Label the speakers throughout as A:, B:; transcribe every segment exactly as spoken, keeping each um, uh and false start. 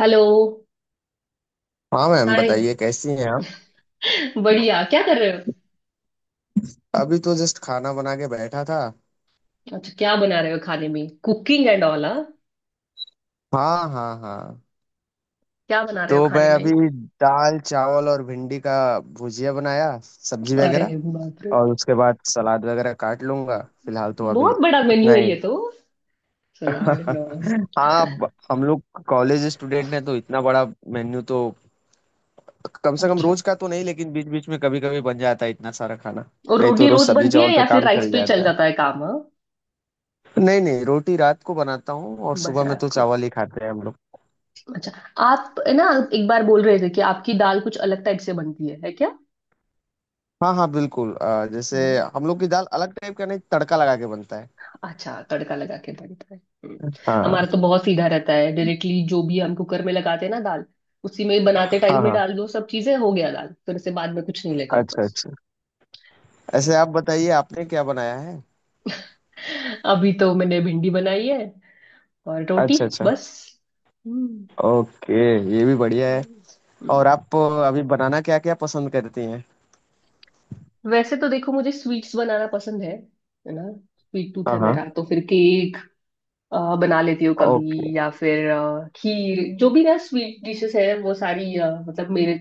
A: Hello.
B: हाँ ma'am,
A: hi.
B: बताइए कैसी हैं आप।
A: बढ़िया, क्या कर रहे हो?
B: अभी तो जस्ट खाना बना के बैठा था।
A: अच्छा, क्या बना रहे हो खाने में? कुकिंग एंड ऑल, हाँ?
B: हाँ हाँ हाँ।
A: क्या बना रहे हो
B: तो
A: खाने
B: मैं
A: में?
B: अभी दाल चावल और भिंडी का भुजिया बनाया, सब्जी
A: अरे
B: वगैरह,
A: बाप रे,
B: और उसके बाद सलाद वगैरह काट लूंगा। फिलहाल तो अभी
A: बहुत बड़ा
B: इतना
A: मेन्यू है
B: ही।
A: ये तो। सलाद, नॉन।
B: हाँ, ब- हम लोग कॉलेज स्टूडेंट हैं, तो इतना बड़ा मेन्यू तो कम से कम
A: अच्छा।
B: रोज का तो नहीं, लेकिन बीच बीच में कभी कभी बन जाता है इतना सारा खाना।
A: और
B: नहीं, तो
A: रोटी
B: रोज
A: रोज
B: सब्जी
A: बनती
B: चावल
A: है या
B: पे
A: फिर
B: काम
A: राइस
B: चल
A: पे ही चल
B: जाता है।
A: जाता है काम? हाँ,
B: नहीं नहीं, रोटी रात को बनाता हूँ, और
A: बस
B: सुबह में
A: रात
B: तो
A: को।
B: चावल ही खाते हैं हम लोग।
A: अच्छा। आप है ना एक बार बोल रहे थे कि आपकी दाल कुछ अलग टाइप से बनती है, है?
B: हाँ हाँ बिल्कुल। अ, जैसे
A: क्या?
B: हम लोग की दाल अलग टाइप का नहीं, तड़का लगा के बनता है।
A: अच्छा, तड़का लगा के बनता है। हम्म। हमारा
B: हाँ
A: तो बहुत सीधा रहता है, डायरेक्टली जो भी हम कुकर में लगाते हैं ना दाल, उसी में बनाते
B: हाँ
A: टाइम में
B: हाँ।
A: डाल दो सब चीजें, हो गया दाल, फिर से बाद में कुछ नहीं लगा ऊपर
B: अच्छा
A: से।
B: अच्छा। ऐसे आप बताइए, आपने क्या बनाया है।
A: अभी तो मैंने भिंडी बनाई है और रोटी,
B: अच्छा अच्छा।
A: बस। हम्म।
B: ओके, ये भी बढ़िया है।
A: हम्म,
B: और
A: हम्म।
B: आप अ, अभी बनाना क्या क्या पसंद करती हैं।
A: वैसे तो देखो, मुझे स्वीट्स बनाना पसंद है है ना? स्वीट टूथ
B: हाँ
A: है
B: हाँ।
A: मेरा, तो फिर केक अ, बना लेती हूँ
B: ओके।
A: कभी, या फिर अ, खीर, जो भी ना स्वीट डिशेस है वो सारी, अ, मतलब मेरे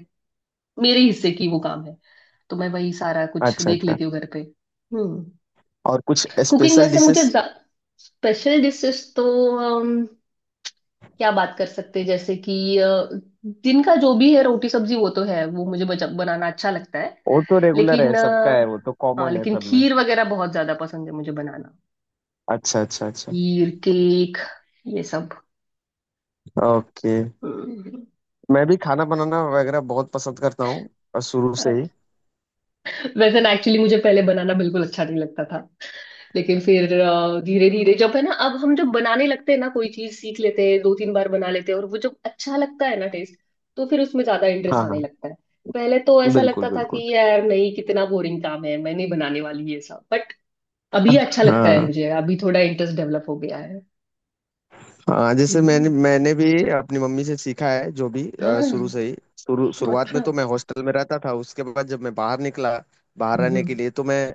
A: मेरे हिस्से की वो काम है, तो मैं वही सारा कुछ
B: अच्छा
A: देख
B: अच्छा।
A: लेती हूँ घर पे। हम्म।
B: और कुछ
A: कुकिंग
B: स्पेशल
A: वैसे मुझे
B: डिशेस।
A: स्पेशल डिशेस तो, अम, क्या बात कर सकते हैं, जैसे कि अ, दिन का जो भी है रोटी सब्जी वो तो है, वो मुझे बच- बनाना अच्छा लगता है,
B: वो तो रेगुलर
A: लेकिन
B: है, सबका है, वो तो
A: अ, हाँ,
B: कॉमन है
A: लेकिन
B: सब में।
A: खीर वगैरह बहुत ज्यादा पसंद है मुझे बनाना।
B: अच्छा अच्छा अच्छा।
A: खीर, केक, ये सब।
B: ओके।
A: हम्म।
B: मैं भी खाना बनाना वगैरह बहुत पसंद करता हूँ, और शुरू से ही।
A: वैसे ना, एक्चुअली मुझे पहले बनाना बिल्कुल अच्छा नहीं लगता था, लेकिन फिर धीरे धीरे जब है ना, अब हम जब बनाने लगते हैं ना कोई चीज, सीख लेते हैं, दो तीन बार बना लेते हैं और वो जब अच्छा लगता है ना टेस्ट, तो फिर उसमें ज्यादा इंटरेस्ट
B: हाँ
A: आने
B: हाँ।
A: लगता है। पहले तो ऐसा
B: बिल्कुल
A: लगता था
B: बिल्कुल।
A: कि यार नहीं, कितना बोरिंग काम है, मैं नहीं बनाने वाली ये सब, बट अभी अच्छा लगता है
B: हाँ
A: मुझे, अभी थोड़ा इंटरेस्ट डेवलप हो गया है।
B: हाँ, जैसे मैंने
A: हम्म,
B: मैंने भी अपनी मम्मी से सीखा है जो भी। अ,
A: हाँ,
B: शुरू से ही, शुरू
A: तो
B: शुरुआत में
A: अच्छा।
B: तो मैं हॉस्टल में रहता था। उसके बाद जब मैं बाहर निकला, बाहर रहने
A: हम्म।
B: के लिए, तो मैं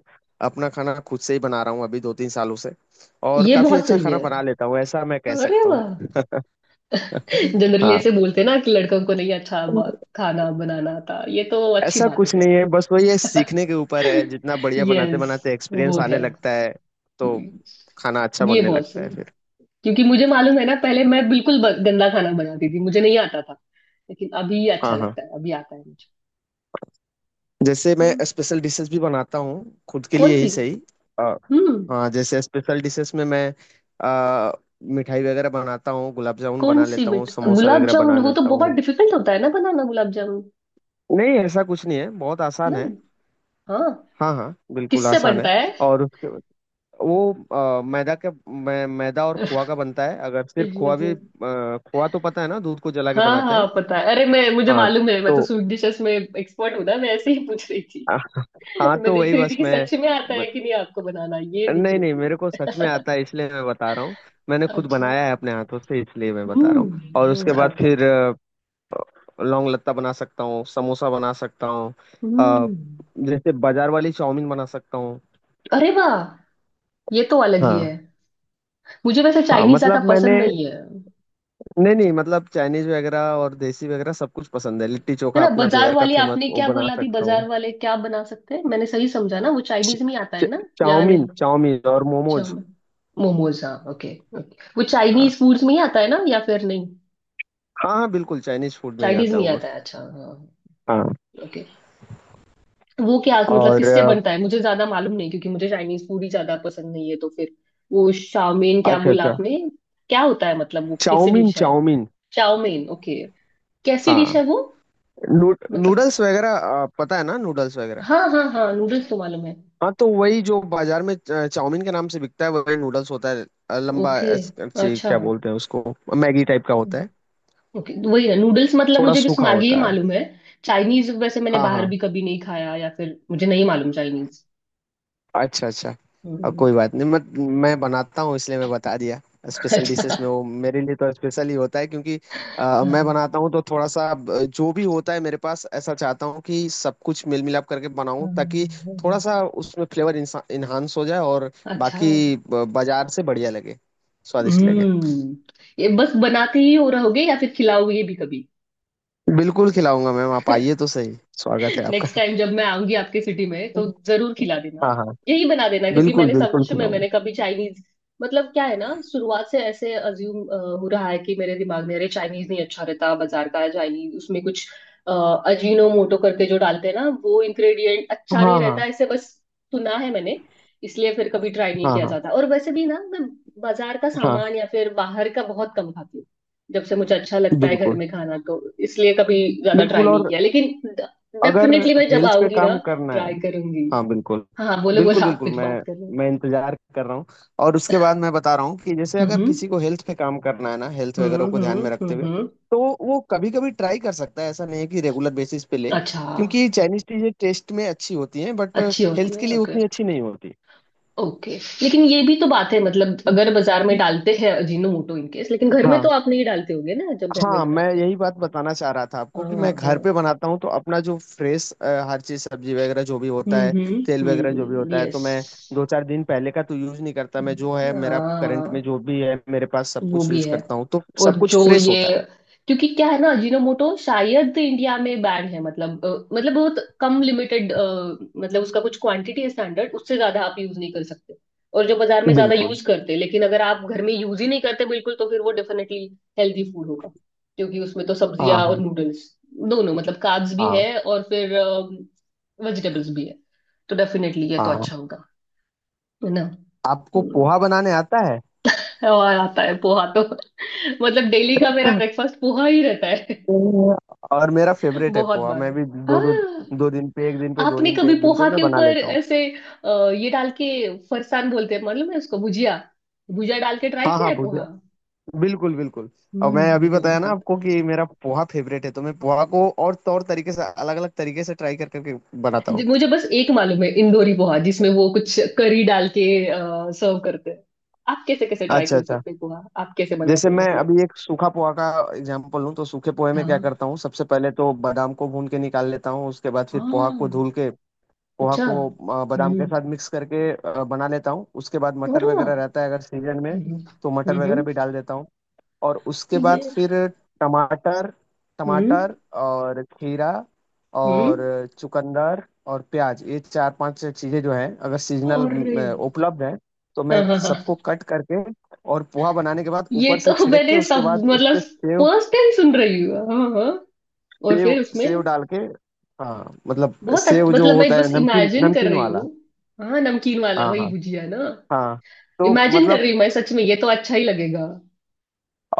B: अपना खाना खुद से ही बना रहा हूँ अभी दो तीन सालों से, और
A: ये
B: काफी
A: बहुत
B: अच्छा
A: सही
B: खाना
A: है।
B: बना लेता हूँ, ऐसा मैं कह
A: अरे
B: सकता हूँ।
A: वाह, जनरली
B: हाँ,
A: ऐसे बोलते हैं ना कि लड़कों को नहीं अच्छा ब- खाना बनाना आता, ये तो अच्छी
B: ऐसा
A: बात है।
B: कुछ नहीं है, बस वही है, सीखने के ऊपर है। जितना बढ़िया बनाते
A: यस,
B: बनाते
A: वो
B: एक्सपीरियंस
A: है।
B: आने लगता है, तो खाना अच्छा
A: हम्म, ये
B: बनने
A: बहुत
B: लगता
A: सही
B: है
A: है,
B: फिर।
A: क्योंकि मुझे मालूम है ना, पहले मैं बिल्कुल ब- गंदा खाना बनाती थी, मुझे नहीं आता था, लेकिन अभी अच्छा
B: हाँ हाँ,
A: लगता है, अभी आता है मुझे।
B: जैसे मैं
A: हम्म,
B: स्पेशल डिशेस भी बनाता हूँ, खुद के
A: कौन
B: लिए ही
A: सी?
B: सही। अ,
A: हम्म।
B: हाँ, जैसे स्पेशल डिशेस में मैं अ, मिठाई वगैरह बनाता हूँ, गुलाब जामुन
A: कौन
B: बना
A: सी
B: लेता हूँ,
A: बेट,
B: समोसा
A: गुलाब
B: वगैरह बना
A: जामुन वो तो
B: लेता
A: बहुत
B: हूँ।
A: डिफिकल्ट होता है ना बनाना, गुलाब जामुन?
B: नहीं, ऐसा कुछ नहीं है, बहुत आसान है।
A: नहीं, हाँ,
B: हाँ हाँ बिल्कुल
A: किससे
B: आसान है।
A: बनता है?
B: और उसके वो अ, मैदा का मै, मैदा और खोआ का बनता है। अगर सिर्फ खोआ
A: यस, यस।
B: भी, अ, खोआ तो पता है ना, दूध को जला के
A: हाँ
B: बनाते
A: हाँ
B: हैं।
A: पता है, अरे मैं, मुझे
B: हाँ।
A: मालूम है, मैं तो
B: तो
A: स्वीट डिशेस में एक्सपर्ट हूँ ना, मैं ऐसे ही पूछ रही थी।
B: हाँ
A: मैं
B: तो
A: देख
B: वही
A: रही थी
B: बस
A: कि
B: मैं
A: सच में आता है कि नहीं आपको बनाना, ये दिख
B: नहीं
A: रही
B: नहीं,
A: थी।
B: मेरे को सच में आता है, इसलिए मैं बता रहा हूँ। मैंने खुद
A: अच्छा।
B: बनाया है अपने हाथों से, इसलिए मैं बता रहा हूँ। और
A: हम्म,
B: उसके बाद
A: ओके
B: फिर
A: ओके।
B: अ, लौंग लत्ता बना सकता हूँ, समोसा बना सकता हूँ। अ,
A: हम्म।
B: जैसे बाजार वाली चाउमीन बना सकता हूँ।
A: अरे वाह, ये तो अलग ही है।
B: हाँ,
A: मुझे वैसे
B: हाँ
A: चाइनीज ज्यादा
B: मतलब मैंने
A: पसंद नहीं है।
B: नहीं नहीं, मतलब चाइनीज वगैरह और देसी वगैरह सब कुछ पसंद है। लिट्टी
A: है
B: चोखा,
A: ना,
B: अपना
A: बाजार
B: बिहार का
A: वाले,
B: फेमस,
A: आपने
B: वो
A: क्या
B: बना
A: बोला अभी,
B: सकता
A: बाजार
B: हूँ।
A: वाले क्या बना सकते हैं? मैंने सही समझा ना, वो चाइनीज में ही आता है
B: च-
A: ना या
B: चाउमीन
A: नहीं?
B: चाउमीन और मोमोज।
A: चाउमीन, मोमोज, हाँ, ओके। ओके, वो चाइनीज
B: हाँ।
A: फूड्स में ही आता है ना या फिर नहीं?
B: हाँ हाँ, बिल्कुल चाइनीज फूड में ही
A: चाइनीज
B: आता
A: में
B: है
A: ही
B: वो
A: आता
B: बस।
A: है, अच्छा, हाँ,
B: हाँ।
A: ओके। वो क्या मतलब
B: और
A: किससे
B: अ,
A: बनता है, मुझे ज्यादा मालूम नहीं क्योंकि मुझे चाइनीज फूड ही ज्यादा पसंद नहीं है, तो फिर वो शाओमेन क्या
B: अच्छा
A: बोला
B: अच्छा।
A: आपने? क्या होता है, मतलब वो कैसी
B: चाउमीन
A: डिश है?
B: Chowmein
A: chowmein, okay. कैसी डिश
B: हाँ।
A: है वो?
B: नू,
A: मतलब,
B: नूडल्स वगैरह। आ, पता है ना, नूडल्स वगैरह।
A: हाँ हाँ हाँ, नूडल्स तो मालूम है।
B: हाँ, तो वही जो बाजार में च- चाउमीन के नाम से बिकता है, वही नूडल्स होता है। आ, लंबा,
A: ओके।
B: अच्छी,
A: अच्छा।
B: क्या बोलते हैं उसको, मैगी टाइप का होता है,
A: ओके, वही है नूडल्स, मतलब
B: थोड़ा
A: मुझे बस
B: सूखा
A: मैगी ही
B: होता है।
A: मालूम है। चाइनीज वैसे मैंने
B: हाँ
A: बाहर
B: हाँ।
A: भी कभी नहीं खाया, या फिर मुझे नहीं मालूम चाइनीज।
B: अच्छा अच्छा। अब
A: हम्म,
B: कोई बात नहीं, मैं मैं बनाता हूँ, इसलिए मैं बता दिया। स्पेशल डिशेस में
A: अच्छा।
B: वो मेरे लिए तो स्पेशल ही होता है, क्योंकि अ,
A: हाँ,
B: मैं
A: हाँ,
B: बनाता हूँ तो थोड़ा सा अ, जो भी होता है मेरे पास, ऐसा चाहता हूँ कि सब कुछ मिल मिलाप करके
A: हाँ,
B: बनाऊँ, ताकि थोड़ा
A: हाँ,
B: सा उसमें फ्लेवर इन्हांस हो जाए, और
A: अच्छा।
B: बाकी ब- बाजार से बढ़िया लगे, स्वादिष्ट लगे।
A: हम्म। ये बस बनाते ही हो रहोगे या फिर खिलाओगे भी कभी?
B: बिल्कुल खिलाऊंगा मैम, आप आइए तो सही, स्वागत है आपका।
A: नेक्स्ट टाइम जब मैं आऊंगी आपके सिटी में तो जरूर खिला देना,
B: हाँ हाँ।
A: यही बना देना, क्योंकि
B: बिल्कुल
A: मैंने
B: बिल्कुल
A: सच में,
B: खिलाऊंगा।
A: मैंने कभी चाइनीज, मतलब क्या है ना, शुरुआत से ऐसे अज्यूम हो रहा है कि मेरे दिमाग में, अरे चाइनीज नहीं अच्छा रहता, बाजार का चाइनीज उसमें कुछ अ, अजीनोमोटो करके जो डालते हैं ना वो इंग्रेडिएंट अच्छा नहीं
B: हाँ हाँ
A: रहता, ऐसे बस सुना है मैंने, इसलिए फिर कभी ट्राई नहीं
B: हाँ
A: किया
B: हाँ
A: जाता, और वैसे भी ना मैं बाजार का
B: हाँ।
A: सामान या फिर बाहर का बहुत कम खाती हूँ, जब से मुझे अच्छा लगता है घर
B: बिल्कुल
A: में खाना, तो इसलिए कभी ज्यादा ट्राई
B: बिल्कुल।
A: नहीं
B: और
A: किया, लेकिन
B: अगर
A: डेफिनेटली मैं जब
B: हिल्स पे
A: आऊंगी ना,
B: काम करना है।
A: ट्राई करूंगी।
B: हाँ बिल्कुल।
A: हाँ हाँ, बोलो
B: बिल्कुल
A: बोलो, आप
B: बिल्कुल,
A: कुछ
B: मैं
A: बात कर रहे हो।
B: मैं इंतजार कर रहा हूँ। और उसके बाद मैं बता रहा हूँ कि जैसे अगर
A: हम्म।
B: किसी को हेल्थ पे काम करना है ना, हेल्थ
A: हम्म
B: वगैरह को ध्यान
A: हम्म
B: में रखते हुए,
A: हम्म
B: तो वो कभी कभी ट्राई कर सकता है। ऐसा नहीं है कि रेगुलर बेसिस पे ले,
A: अच्छा।
B: क्योंकि चाइनीज चीजें टेस्ट में अच्छी होती हैं, बट
A: अच्छी होती
B: हेल्थ
A: है,
B: के लिए
A: ओके।
B: उतनी अच्छी नहीं होती।
A: ओके, लेकिन ये भी तो बात है, मतलब अगर बाजार में डालते हैं अजीनोमोटो इनकेस, लेकिन घर में तो
B: हाँ
A: आप नहीं डालते होगे ना जब घर में
B: हाँ, मैं
A: बनाते हैं।
B: यही बात बताना चाह रहा था आपको, कि
A: हाँ
B: मैं घर
A: हाँ।
B: पे बनाता हूँ तो अपना जो फ्रेश, हर चीज सब्जी वगैरह जो भी होता
A: हम्म
B: है,
A: हम्म
B: तेल वगैरह जो भी
A: हम्म
B: होता है, तो
A: यस।
B: मैं दो चार दिन पहले का तो यूज नहीं करता। मैं जो है मेरा करंट में, जो
A: हाँ,
B: भी है मेरे पास, सब
A: वो
B: कुछ
A: भी
B: यूज
A: है।
B: करता हूँ, तो
A: और
B: सब
A: जो
B: कुछ फ्रेश
A: ये,
B: होता
A: क्योंकि क्या है ना अजीनोमोटो शायद इंडिया में बैन है, मतलब अ, मतलब बहुत कम लिमिटेड, मतलब उसका कुछ क्वांटिटी है स्टैंडर्ड, उससे ज्यादा आप यूज नहीं कर सकते, और जो बाजार में
B: है।
A: ज्यादा
B: बिल्कुल।
A: यूज करते हैं, लेकिन अगर आप घर में यूज ही नहीं करते बिल्कुल, तो फिर वो डेफिनेटली हेल्दी फूड होगा, क्योंकि उसमें तो सब्जियां
B: हाँ
A: और
B: हाँ
A: नूडल्स दोनों, मतलब कार्ब्स भी
B: हाँ
A: है और फिर वेजिटेबल्स भी है, तो डेफिनेटली ये तो
B: हाँ।
A: अच्छा होगा, है ना?
B: आपको
A: हम्म।
B: पोहा बनाने आता है।
A: और आता है पोहा तो, मतलब डेली का मेरा ब्रेकफास्ट पोहा ही रहता है।
B: पोहा- और मेरा फेवरेट है
A: बहुत
B: पोहा।
A: बार,
B: मैं भी दो दो
A: हाँ।
B: दो दिन पे एक दिन पे, दो
A: आपने
B: दिन पे
A: कभी
B: एक दिन पे
A: पोहा
B: मैं
A: के
B: बना
A: ऊपर
B: लेता हूँ।
A: ऐसे अ, ये डाल के, फरसान बोलते हैं मालूम है उसको, भुजिया, भुजिया डाल के ट्राई
B: हाँ
A: किया
B: हाँ
A: है पोहा?
B: भुजिया, बिल्कुल बिल्कुल। और मैं
A: हम्म,
B: अभी
A: वो
B: बताया ना
A: बहुत,
B: आपको, कि मेरा पोहा फेवरेट है, तो मैं पोहा को और तौर तरीके से, अलग अलग तरीके से ट्राई कर करके बनाता
A: जी,
B: हूँ।
A: मुझे बस एक मालूम है इंदौरी पोहा, जिसमें वो कुछ करी डाल के सर्व करते हैं। आप कैसे कैसे ट्राई
B: अच्छा
A: कर
B: अच्छा,
A: सकते हैं पोहा, आप कैसे बनाते
B: जैसे
A: हैं,
B: मैं
A: मतलब?
B: अभी एक सूखा पोहा का एग्जांपल लूँ, तो सूखे पोहे में
A: हाँ।
B: क्या करता हूँ, सबसे पहले तो बादाम को भून के निकाल लेता हूँ। उसके बाद फिर पोहा को
A: हाँ।
B: धुल के, पोहा
A: अच्छा।
B: को अ, बादाम
A: हम्म।
B: के साथ मिक्स करके अ, बना लेता हूँ। उसके बाद मटर
A: अरे वाह।
B: वगैरह रहता है अगर सीजन में,
A: हम्म।
B: तो मटर
A: हम्म
B: वगैरह
A: हम्म,
B: भी डाल देता हूँ। और उसके बाद
A: ये।
B: फिर टमाटर
A: हम्म।
B: टमाटर और खीरा
A: हम्म।
B: और चुकंदर और प्याज, ये चार पांच चीजें जो हैं, अगर सीजनल
A: अरे।
B: उपलब्ध हैं, तो
A: हाँ
B: मैं
A: हाँ हाँ,
B: सबको कट करके और पोहा बनाने के बाद
A: ये
B: ऊपर से
A: तो
B: छिड़क के,
A: मैंने
B: उसके
A: सब
B: बाद उस
A: मतलब
B: पे सेव,
A: फर्स्ट टाइम सुन रही हूँ। हाँ हाँ हाँ। और
B: सेव
A: फिर उसमें
B: सेव डाल के। हाँ मतलब
A: बहुत अच्छ-
B: सेव जो
A: मतलब मैं
B: होता है,
A: बस
B: नमकीन,
A: इमेजिन कर
B: नमकीन
A: रही
B: वाला।
A: हूँ। हाँ, नमकीन वाला
B: हाँ
A: वही
B: हाँ।
A: भुजिया ना?
B: हाँ तो
A: इमेजिन कर
B: मतलब,
A: रही हूँ मैं सच में, ये तो अच्छा ही लगेगा।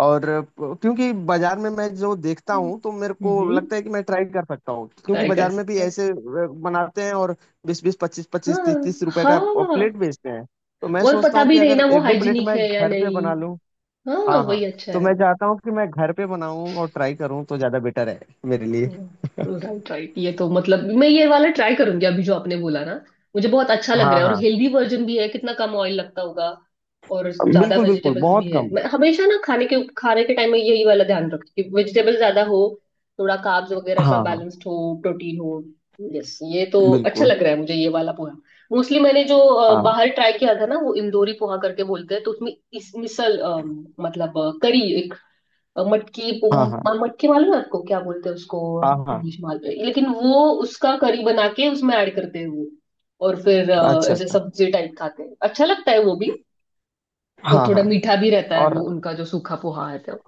B: और प- क्योंकि बाजार में मैं जो देखता
A: हम्म।
B: हूँ, तो मेरे को
A: हम्म
B: लगता है कि मैं ट्राई कर सकता हूँ, क्योंकि
A: ट्राई कर
B: बाजार में भी
A: सकते हैं।
B: ऐसे अ, बनाते हैं और बीस बीस, पच्चीस पच्चीस, तीस
A: हाँ
B: तीस रुपए का
A: हाँ,
B: प्लेट बेचते हैं। तो मैं
A: और
B: सोचता
A: पता
B: हूँ कि
A: भी नहीं ना
B: अगर
A: वो
B: एक दो प्लेट
A: हाइजीनिक
B: मैं
A: है या
B: घर पे
A: नहीं।
B: बना लूँ।
A: हाँ,
B: हाँ
A: वही
B: हाँ,
A: अच्छा
B: तो मैं
A: है।
B: चाहता हूँ कि मैं घर पे बनाऊँ और ट्राई करूँ, तो ज्यादा बेटर है मेरे लिए।
A: राइट राइट, ये तो मतलब मैं ये वाला ट्राई करूंगी अभी जो आपने बोला ना, मुझे बहुत अच्छा लग
B: हाँ
A: रहा है, और
B: हाँ
A: हेल्दी वर्जन भी है, कितना कम ऑयल लगता होगा और ज्यादा
B: बिल्कुल बिल्कुल,
A: वेजिटेबल्स भी
B: बहुत
A: है।
B: कम।
A: मैं हमेशा ना खाने के खाने के टाइम में यही वाला ध्यान रखती हूँ कि वेजिटेबल ज्यादा हो, थोड़ा कार्ब्स वगैरह का
B: हाँ हाँ
A: बैलेंस्ड हो, प्रोटीन हो। यस, ये तो अच्छा
B: बिल्कुल।
A: लग रहा है मुझे ये वाला पोहा। मोस्टली मैंने जो अ,
B: हाँ
A: बाहर ट्राई किया था ना वो इंदौरी पोहा करके बोलते हैं, तो उसमें इस मिसल अम, मतलब करी, अ, मटकी पो-
B: हाँ हाँ
A: म- मटकी मालूम है आपको, क्या बोलते हैं उसको
B: हाँ हाँ।
A: इंग्लिश मालूम है, लेकिन वो उसका करी बना के उसमें ऐड करते हैं वो, और फिर अ,
B: अच्छा
A: ऐसे
B: अच्छा।
A: सब्जी टाइप खाते हैं, अच्छा लगता है वो भी, और
B: हाँ
A: थोड़ा
B: हाँ।
A: मीठा भी रहता है वो
B: और
A: उनका जो सूखा पोहा है तो।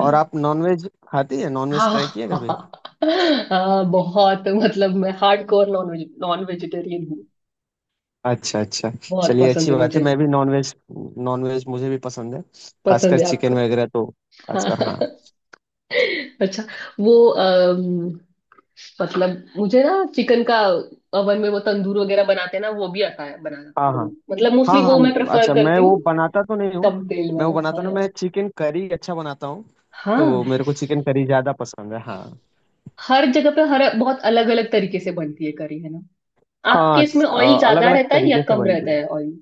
B: और आप नॉनवेज खाती है नॉनवेज
A: हाँ
B: ट्राई किए
A: हाँ,
B: कभी।
A: हाँ, बहुत, मतलब मैं hardcore non veg, non vegetarian हूँ,
B: अच्छा अच्छा,
A: बहुत
B: चलिए
A: पसंद
B: अच्छी
A: है
B: बात है,
A: मुझे।
B: मैं भी नॉनवेज, नॉनवेज मुझे भी पसंद है,
A: पसंद
B: खासकर
A: है आपको?
B: चिकन वगैरह तो, खासकर हाँ।
A: हाँ। अच्छा। वो, मतलब मुझे ना चिकन का ओवन में वो तंदूर वगैरह बनाते हैं ना, वो भी आता है बनाना,
B: हाँ
A: और
B: हाँ
A: मतलब मोस्टली
B: हाँ
A: वो मैं
B: हाँ,
A: प्रेफर
B: अच्छा मैं
A: करती
B: वो
A: हूँ,
B: बनाता तो नहीं हूँ।
A: कम तेल
B: मैं वो
A: वाला।
B: बनाता नहीं,
A: हाँ।
B: मैं चिकन करी अच्छा बनाता हूँ, तो
A: हाँ,
B: मेरे को चिकन करी ज़्यादा पसंद है। हाँ
A: हर जगह पे, हर बहुत अलग अलग तरीके से बनती है करी, है ना? आपके
B: हाँ,
A: इसमें ऑयल
B: अलग
A: ज्यादा
B: अलग
A: रहता है या
B: तरीके से
A: कम
B: बनती
A: रहता
B: है।
A: है ऑयल?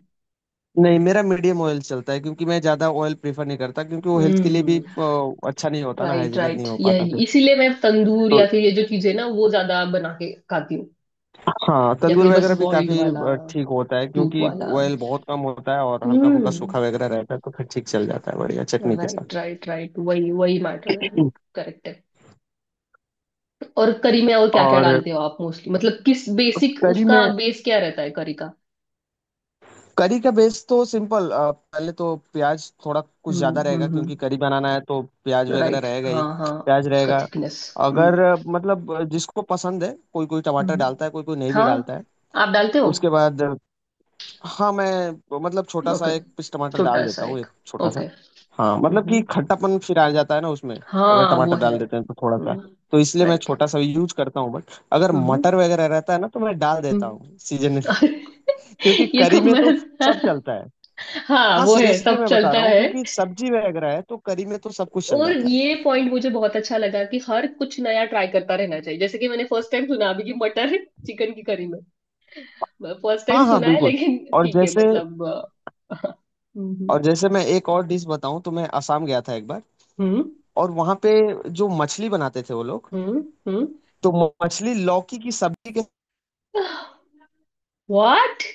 B: नहीं, मेरा मीडियम ऑयल चलता है, क्योंकि मैं ज़्यादा ऑयल प्रेफर नहीं करता, क्योंकि वो हेल्थ के लिए भी
A: हम्म।
B: अ, अच्छा नहीं होता ना,
A: राइट
B: हाइजीनिक नहीं
A: राइट,
B: हो पाता
A: यही
B: फिर।
A: इसीलिए मैं तंदूर
B: तो
A: या फिर ये जो चीजें ना वो ज्यादा बना के खाती हूँ,
B: हाँ,
A: या
B: तंदूर
A: फिर बस
B: वगैरह भी
A: बॉइल्ड
B: काफी
A: वाला,
B: अ, ठीक होता है,
A: सूप
B: क्योंकि
A: वाला।
B: ऑयल बहुत कम होता है, और हल्का फुल्का
A: हम्म।
B: सूखा वगैरह रहता है, तो फिर ठीक चल जाता है बढ़िया चटनी के
A: राइट
B: साथ।
A: राइट राइट, वही वही मैटर है। करेक्ट है। और करी में और क्या क्या
B: और
A: डालते हो आप मोस्टली, मतलब किस बेसिक,
B: करी
A: उसका
B: में,
A: बेस क्या रहता है करी का?
B: करी का बेस तो सिंपल, अ, पहले तो प्याज थोड़ा कुछ
A: हम्म
B: ज्यादा
A: हम्म
B: रहेगा,
A: हम्म
B: क्योंकि करी बनाना है तो प्याज वगैरह
A: राइट,
B: रहेगा ही।
A: हाँ हाँ।
B: प्याज
A: उसका
B: रहेगा।
A: थिकनेस। हम्म
B: अगर अ, मतलब अ, जिसको पसंद है, कोई कोई टमाटर
A: हम्म
B: डालता है, कोई कोई नहीं भी
A: हाँ,
B: डालता है।
A: आप डालते हो?
B: उसके बाद अ, हाँ, मैं मतलब छोटा
A: ओके,
B: सा एक पीस टमाटर
A: छोटा
B: डाल
A: सा
B: देता हूँ,
A: एक,
B: एक छोटा
A: ओके।
B: सा। हाँ मतलब, कि
A: हम्म।
B: खट्टापन फिर आ जाता है ना उसमें, अगर
A: हाँ, वो
B: टमाटर
A: है।
B: डाल देते हैं, तो थोड़ा सा,
A: हम्म।
B: तो इसलिए मैं
A: राइट।
B: छोटा सा यूज करता हूँ। बट अगर
A: हम्म
B: मटर वगैरह रहता है ना, तो मैं डाल देता हूँ
A: हम्म
B: सीजन क्योंकि
A: ये
B: करी
A: तो
B: में
A: मैं।
B: तो सब चलता है।
A: हाँ,
B: हाँ
A: वो है,
B: सीरियसली
A: सब
B: मैं बता
A: चलता
B: रहा हूँ,
A: है।
B: क्योंकि सब्जी वगैरह है तो करी में तो सब कुछ चल
A: और
B: जाता
A: ये
B: है।
A: पॉइंट मुझे बहुत अच्छा लगा कि हर कुछ नया ट्राई करता रहना चाहिए, जैसे कि मैंने फर्स्ट टाइम सुना अभी कि मटर चिकन की करी में, फर्स्ट टाइम
B: हाँ हाँ
A: सुना है,
B: बिल्कुल।
A: लेकिन
B: और
A: ठीक है
B: जैसे
A: मतलब। हम्म
B: और जैसे मैं एक और डिश बताऊँ, तो मैं असम गया था एक बार,
A: हम्म
B: और वहाँ पे जो मछली बनाते थे वो लोग,
A: हम्म
B: तो मछली लौकी की सब्जी के
A: व्हाट